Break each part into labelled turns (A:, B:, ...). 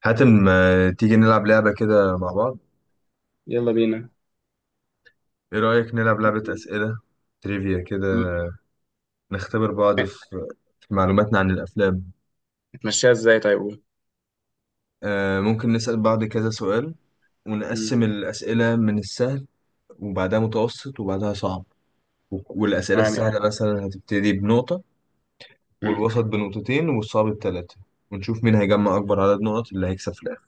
A: حاتم، ما تيجي نلعب لعبة كده مع بعض؟
B: يلا بينا.
A: ايه رأيك نلعب لعبة أسئلة تريفيا كده؟
B: م-
A: نختبر بعض في معلوماتنا عن الأفلام.
B: هتمشيها ازاي طيب قول؟
A: ممكن نسأل بعض كذا سؤال،
B: مم.
A: ونقسم الأسئلة من السهل وبعدها متوسط وبعدها صعب. و- والأسئلة
B: تمام يلا.
A: السهلة مثلا هتبتدي بنقطة،
B: مم.
A: والوسط بنقطتين والصعب بثلاثة. ونشوف مين هيجمع أكبر عدد نقط، اللي هيكسب في الآخر.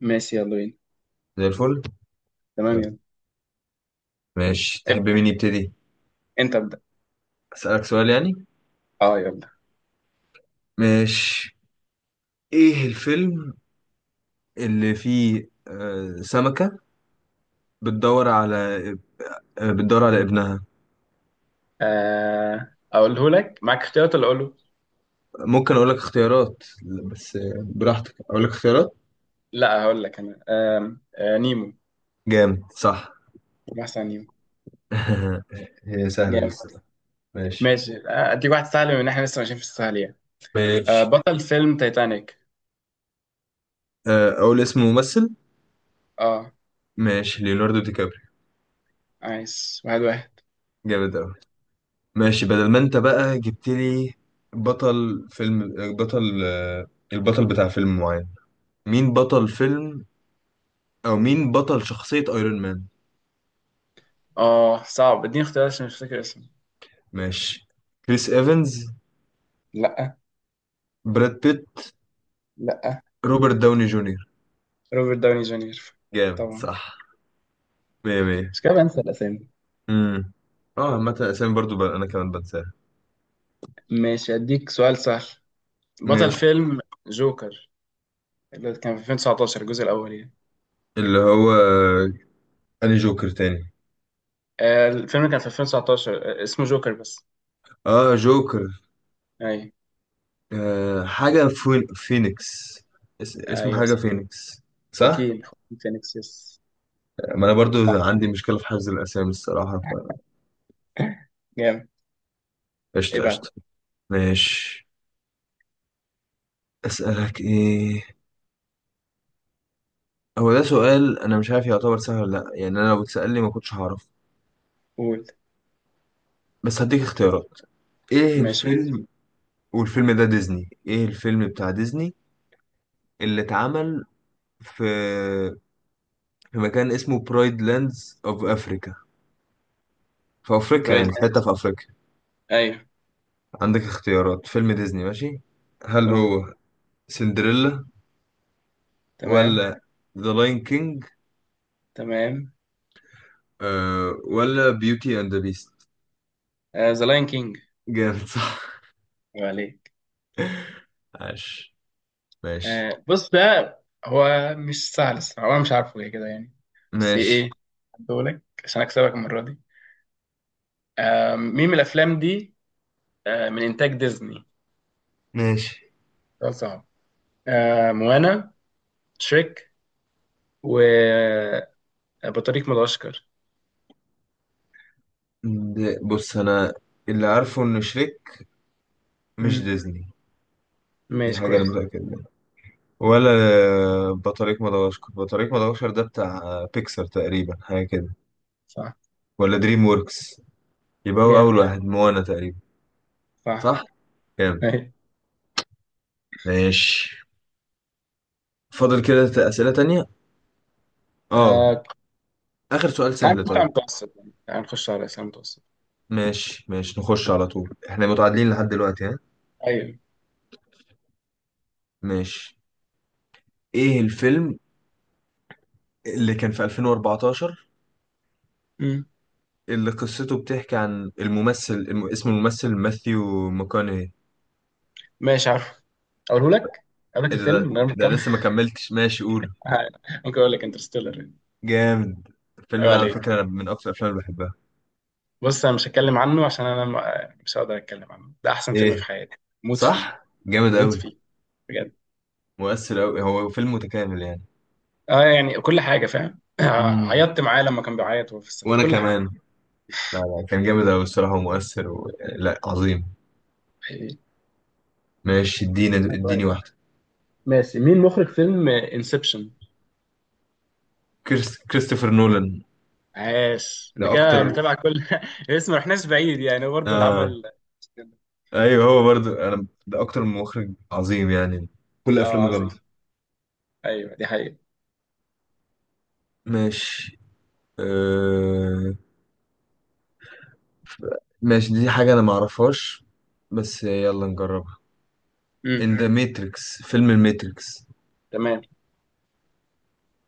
B: ماشي يلا بينا.
A: زي الفل.
B: تمام
A: يلا.
B: يلا.
A: ماشي،
B: ابدأ.
A: تحب مين يبتدي؟
B: انت ابدأ.
A: أسألك سؤال يعني؟
B: اه يلا.
A: ماشي. ايه الفيلم اللي فيه سمكة بتدور على ابنها؟
B: آه اقوله لك معاك اختيارات ولا اقوله؟
A: ممكن أقول لك اختيارات؟ بس براحتك، أقول لك اختيارات.
B: لا، هقول لك انا. آم، آه نيمو.
A: جامد، صح؟
B: محسن نيمو.
A: هي سهلة دي
B: جامد.
A: الصراحة. ماشي.
B: ماشي. اديك واحد سهل بما ان احنا لسه ماشيين في السهل يعني. آه
A: ماشي
B: بطل فيلم تايتانيك.
A: أقول اسم ممثل.
B: اه
A: ماشي، ليوناردو دي كابريو.
B: عايز واحد واحد.
A: جامد أوي. ماشي، بدل ما أنت بقى جبت لي بطل فيلم، بطل البطل بتاع فيلم معين. مين بطل فيلم، أو مين بطل شخصية أيرون مان؟
B: اه صعب، اديني اختيارات عشان مش فاكر اسمه.
A: ماشي. كريس إيفنز؟
B: لا.
A: براد بيت؟
B: لا.
A: روبرت داوني جونيور؟
B: روبرت داوني جونيور.
A: جامد،
B: طبعا.
A: صح. مية مية.
B: مش كده بنسى الاسامي.
A: امم اه عامة اسامي برضو بقى انا كمان بنساها.
B: ماشي أديك سؤال سهل. بطل
A: ماشي.
B: فيلم جوكر اللي كان في 2019 الجزء الأول يعني.
A: اللي هو اني جوكر تاني؟
B: الفيلم كان في 2019، اسمه جوكر بس.
A: اه جوكر.
B: أيوه.
A: آه، حاجة فينيكس. اسمه
B: أيوه.
A: حاجة فينيكس، صح؟
B: خواكين خواكين فينيكس يس.
A: ما انا برضو
B: صح،
A: عندي مشكلة في حفظ الاسامي الصراحة، فقشطة.
B: جامد.
A: قشطة قشطة.
B: ابعت.
A: ماشي. اسألك ايه؟ هو ده سؤال انا مش عارف يعتبر سهل ولا لا، يعني انا لو اتسأل لي ما كنتش هعرف.
B: قول.
A: بس هديك اختيارات. ايه
B: ماشي قول.
A: الفيلم، والفيلم ده ديزني، ايه الفيلم بتاع ديزني اللي اتعمل في مكان اسمه برايد لاندز اوف افريكا، في افريقيا،
B: برايد
A: يعني في
B: لاند.
A: حته في افريقيا؟
B: أيوه.
A: عندك اختيارات، فيلم ديزني. ماشي. هل
B: قول.
A: هو سندريلا،
B: تمام.
A: ولا ذا لاين كينج،
B: تمام.
A: ولا بيوتي اند ذا بيست؟
B: ذا لاين كينج.
A: جامد، صح.
B: عليك.
A: عاش. ماشي
B: بص ده هو مش سهل الصراحة، أنا مش عارفه إيه كده يعني. بس
A: ماشي
B: إيه، هديهولك عشان أكسبك المرة دي. مين من الأفلام دي من إنتاج ديزني؟
A: ماشي.
B: ده صعب. موانا، شريك، وبطريق مدغشقر.
A: بص انا اللي عارفه ان شريك مش
B: مم.
A: ديزني، دي
B: ماشي
A: حاجه انا
B: كويس.
A: متاكد. ولا بطريق مدغشقر، ده بتاع بيكسر تقريبا، حاجة كده،
B: صح.
A: ولا دريم ووركس. يبقى هو
B: جامد.
A: أول واحد موانا تقريبا،
B: صح.
A: صح؟ جامد.
B: أيوة.
A: ماشي. فاضل كده أسئلة تانية؟ اه.
B: آه،
A: آخر سؤال
B: تعال
A: سهل
B: نخش على
A: طيب.
B: المتوسط يعني، تعال نخش على الأسئلة المتوسط.
A: ماشي ماشي نخش على طول، احنا متعادلين لحد دلوقتي، ها؟
B: أيوه.
A: ماشي. ايه الفيلم اللي كان في 2014،
B: مم.
A: اللي قصته بتحكي عن الممثل اسم الممثل ماثيو ماكونهي؟
B: ماشي عارف. أقوله لك. أقول لك
A: ايه ده؟
B: الفيلم من غير ما تكمل.
A: لسه ما كملتش، ماشي قول.
B: ممكن أقول لك انترستيلر يعني.
A: جامد. الفيلم
B: أيوة
A: ده على فكرة
B: عليك.
A: أنا من أكتر الأفلام اللي بحبها.
B: بص أنا مش هتكلم عنه عشان أنا مش هقدر أتكلم عنه، ده أحسن فيلم في
A: إيه،
B: حياتي. موت فيه.
A: صح؟ جامد
B: موت
A: أوي.
B: فيه. بجد.
A: مؤثر أوي، هو فيلم متكامل يعني.
B: اه يعني كل حاجه فاهم.
A: مم.
B: عيطت معاه لما كان بيعيط وهو في السفينه،
A: وأنا
B: كل حاجه
A: كمان.
B: والله.
A: لا، كان جامد أوي الصراحة ومؤثر لا عظيم.
B: حقيقي.
A: ماشي، اديني
B: طيب.
A: واحدة.
B: ماشي، مين مخرج فيلم انسبشن؟
A: كريستوفر نولان.
B: عاش انت
A: ده
B: كده
A: أكتر.
B: متابع كل. اسم، ما رحناش بعيد يعني برضه اللي
A: آه
B: عمل.
A: أيوه، هو برضو أنا ده أكتر مخرج عظيم يعني، كل
B: اه
A: أفلامه
B: عظيم.
A: جامدة.
B: ايوه دي حقيقة.
A: ماشي. آه... ماشي، دي حاجة أنا معرفهاش، بس يلا نجرب. ان
B: امم
A: ذا ماتريكس، فيلم الماتريكس،
B: تمام.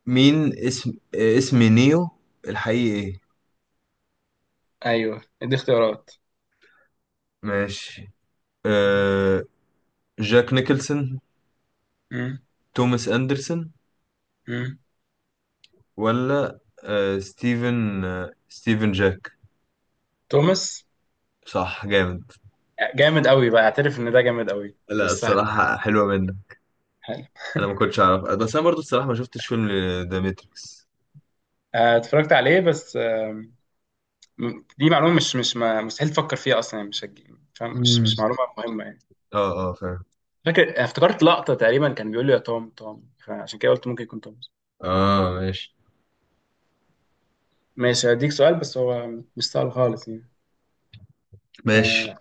A: مين اسم اسم نيو الحقيقي ايه؟
B: ايوه دي اختيارات.
A: ماشي. أه... جاك نيكلسون؟
B: امم
A: توماس اندرسون؟
B: امم
A: ولا ستيفن جاك؟
B: توماس.
A: صح، جامد.
B: جامد قوي بقى، اعترف ان ده جامد قوي
A: لا
B: مش سهل.
A: الصراحة حلوة منك،
B: حلو.
A: انا ما كنتش اعرف، بس انا برضو الصراحة ما شفتش فيلم ذا ماتريكس.
B: اتفرجت عليه بس. دي معلومه، مش مستحيل تفكر فيها اصلا يعني، مش هتجي- فاهم، مش
A: مم.
B: مش معلومه مهمه يعني.
A: اه اه، فاهم.
B: فاكر افتكرت لقطه تقريبا كان بيقول لي يا توم توم، فعشان كده قلت ممكن يكون توم.
A: اه ماشي.
B: ماشي هديك سؤال بس هو مش سؤال خالص يعني.
A: ماشي
B: آه،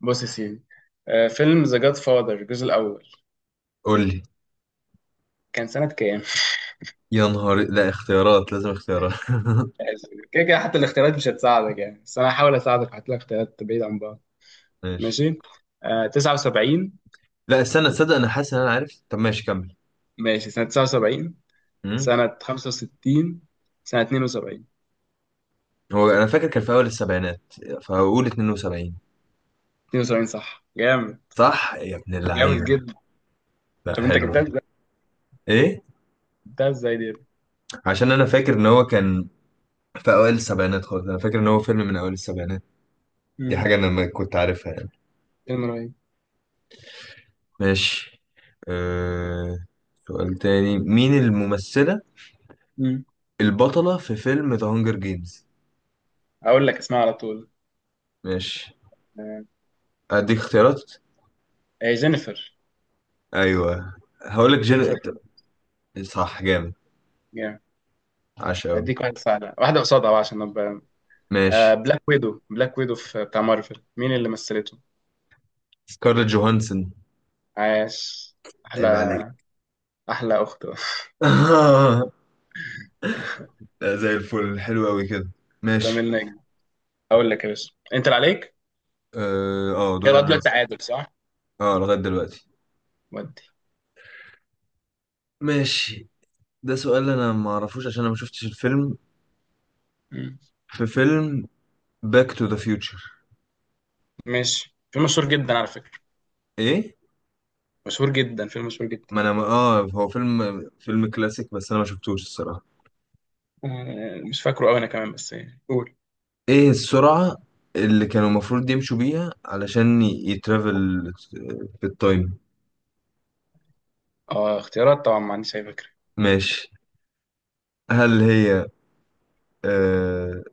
B: بص يا سيدي، فيلم ذا جاد فاذر الجزء الاول
A: قول لي.
B: كان سنه كام؟
A: يا نهار، لا اختيارات، لازم اختيارات.
B: كده كده حتى الاختيارات مش هتساعدك يعني، بس انا هحاول اساعدك، هات لك اختيارات بعيد عن بعض.
A: ماشي.
B: ماشي. آه 79.
A: لا استنى، تصدق انا حاسس ان انا عارف؟ طب ماشي كمل.
B: ماشي سنه 79،
A: مم.
B: سنه 65، سنه 72.
A: هو انا فاكر كان في اول السبعينات، فهقول 72.
B: 72 صح. جامد.
A: صح يا ابن
B: جامد
A: اللعيبه.
B: جدا.
A: لا
B: طب انت
A: حلو.
B: جبتها ازاي؟
A: ايه؟
B: جبتها ازاي دي؟
A: عشان انا فاكر ان هو كان في اوائل السبعينات خالص، انا فاكر ان هو فيلم من اوائل السبعينات. دي
B: امم
A: حاجه انا ما كنت عارفها يعني.
B: فيلم رهيب.
A: ماشي. أه... سؤال تاني. مين الممثله
B: امم
A: البطله في فيلم ذا هانجر جيمز؟
B: اقول لك اسمها على طول.
A: ماشي،
B: آه،
A: اديك اختيارات.
B: هي جينيفر.
A: ايوه، هقولك جن.
B: جينيفر.
A: صح، جامد.
B: جامد.
A: عاش قوي.
B: اديك واحده سهله، واحده قصادها بقى عشان ابقى.
A: ماشي.
B: بلاك ويدو، بلاك ويدو في بتاع مارفل مين اللي مثلته؟
A: سكارلت جوهانسون.
B: عاش. احلى.
A: عيب عليك.
B: احلى اخت.
A: لا زي الفل، حلو قوي كده. ماشي.
B: لامين نجم. اقول لك يا باشا انت اللي عليك.
A: اه دوري
B: يلا
A: انا اللي
B: دلوقتي
A: أسأل.
B: تعادل صح؟
A: اه لغايه دلوقتي.
B: ودي.
A: ماشي. ده سؤال انا ما اعرفوش عشان انا ما شفتش الفيلم.
B: مم.
A: في فيلم باك تو ذا فيوتشر.
B: ماشي فيلم مشهور جدا على فكره.
A: ايه،
B: مشهور جدا فيلم مشهور جدا.
A: ما انا ما اه، هو فيلم فيلم كلاسيك، بس انا ما شفتوش الصراحه.
B: آه، مش فاكره قوي انا كمان بس يعني قول.
A: ايه السرعه اللي كانوا المفروض يمشوا بيها علشان يترافل في التايم؟
B: اه اختيارات طبعا ما عنديش اي فكره.
A: ماشي، هل هي آه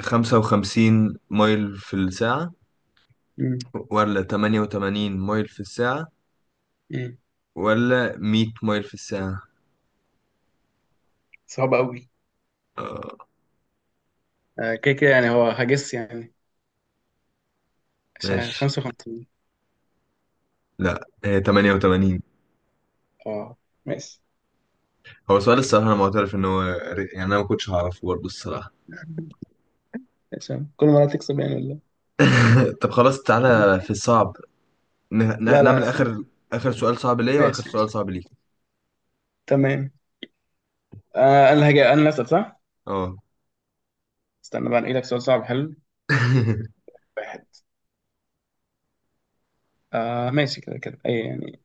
A: 55 مايل في الساعه،
B: مم.
A: ولا 88 مايل في الساعه،
B: مم.
A: ولا 100 مايل في الساعة؟
B: صعب قوي.
A: آه
B: كده كده يعني هو هجس يعني. عشان
A: ماشي،
B: 55.
A: لا هي 88.
B: اه. ماشي.
A: هو سؤال الصراحة أنا معترف إن هو يعني أنا ما كنتش هعرفه برضه الصراحة.
B: عشان كل مرة تكسب يعني ولا؟
A: طب خلاص،
B: إيه؟
A: تعالى في الصعب.
B: لا لا
A: نعمل آخر،
B: استنى.
A: آخر سؤال صعب ليا وآخر
B: ماشي.
A: سؤال صعب ليك.
B: تمام. آه انا هجي انا اللي اسال صح.
A: اه.
B: استنى بقى انقي لك سؤال صعب حلو. واحد. آه ماشي كده كده اي يعني.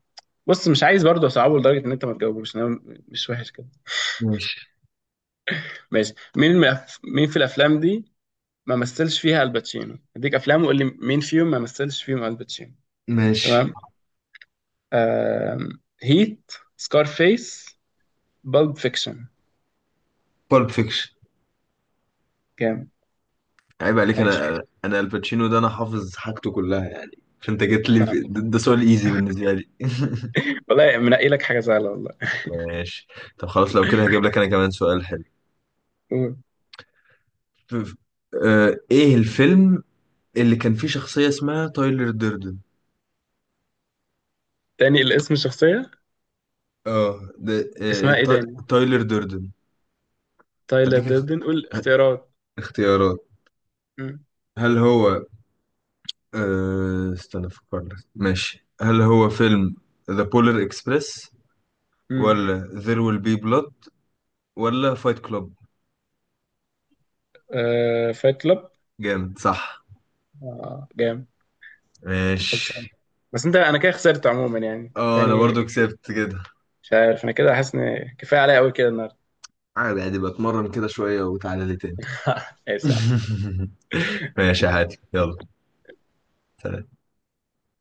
B: بص مش عايز برضه اصعبه لدرجة ان انت ما تجاوبوش انا. مش وحش كده.
A: ماشي.
B: ماشي مين مين في الافلام دي ما مثلش فيها الباتشينو؟ اديك افلام وقول لي مين فيهم ما مثلش فيهم الباتشينو.
A: ماشي.
B: تمام. آه... هيت، سكارفيس، بالب فيكشن.
A: بالب فيكشن.
B: جامد.
A: عيب عليك،
B: عايش.
A: أنا الباتشينو ده أنا حافظ حاجته كلها يعني، فأنت جيت لي
B: فاهم.
A: ده سؤال إيزي بالنسبة لي.
B: والله منقي لك حاجه سهله والله.
A: ماشي. طب خلاص، لو كده هجيب لك أنا كمان سؤال حلو.
B: قول.
A: آه، ايه الفيلم اللي كان فيه شخصية اسمها تايلر ديردن؟
B: تاني الاسم الشخصيه؟
A: اه ده، آه،
B: اسمها ايه تاني؟
A: تايلر ديردن.
B: تايلر
A: هديك اخ-
B: دردن قول اختيارات.
A: اختيارات.
B: مم.
A: هل هو آه، استنى افكر لك ماشي هل هو فيلم ذا بولر اكسبريس،
B: مم.
A: ولا There Will Be Blood، ولا فايت كلوب؟
B: آه فايت كلاب.
A: جامد صح.
B: آه جامد. خلصان.
A: ماشي.
B: بس انت انا كده خسرت عموما يعني
A: اه انا
B: تاني.
A: برضو كسبت كده.
B: مش عارف انا كده حاسس ان كفايه عليا قوي كده النهارده.
A: عادي عادي، بتمرن كده شوية وتعالى لي تاني.
B: ماشي يا عم.
A: ماشي، عادي، يلا. سلام.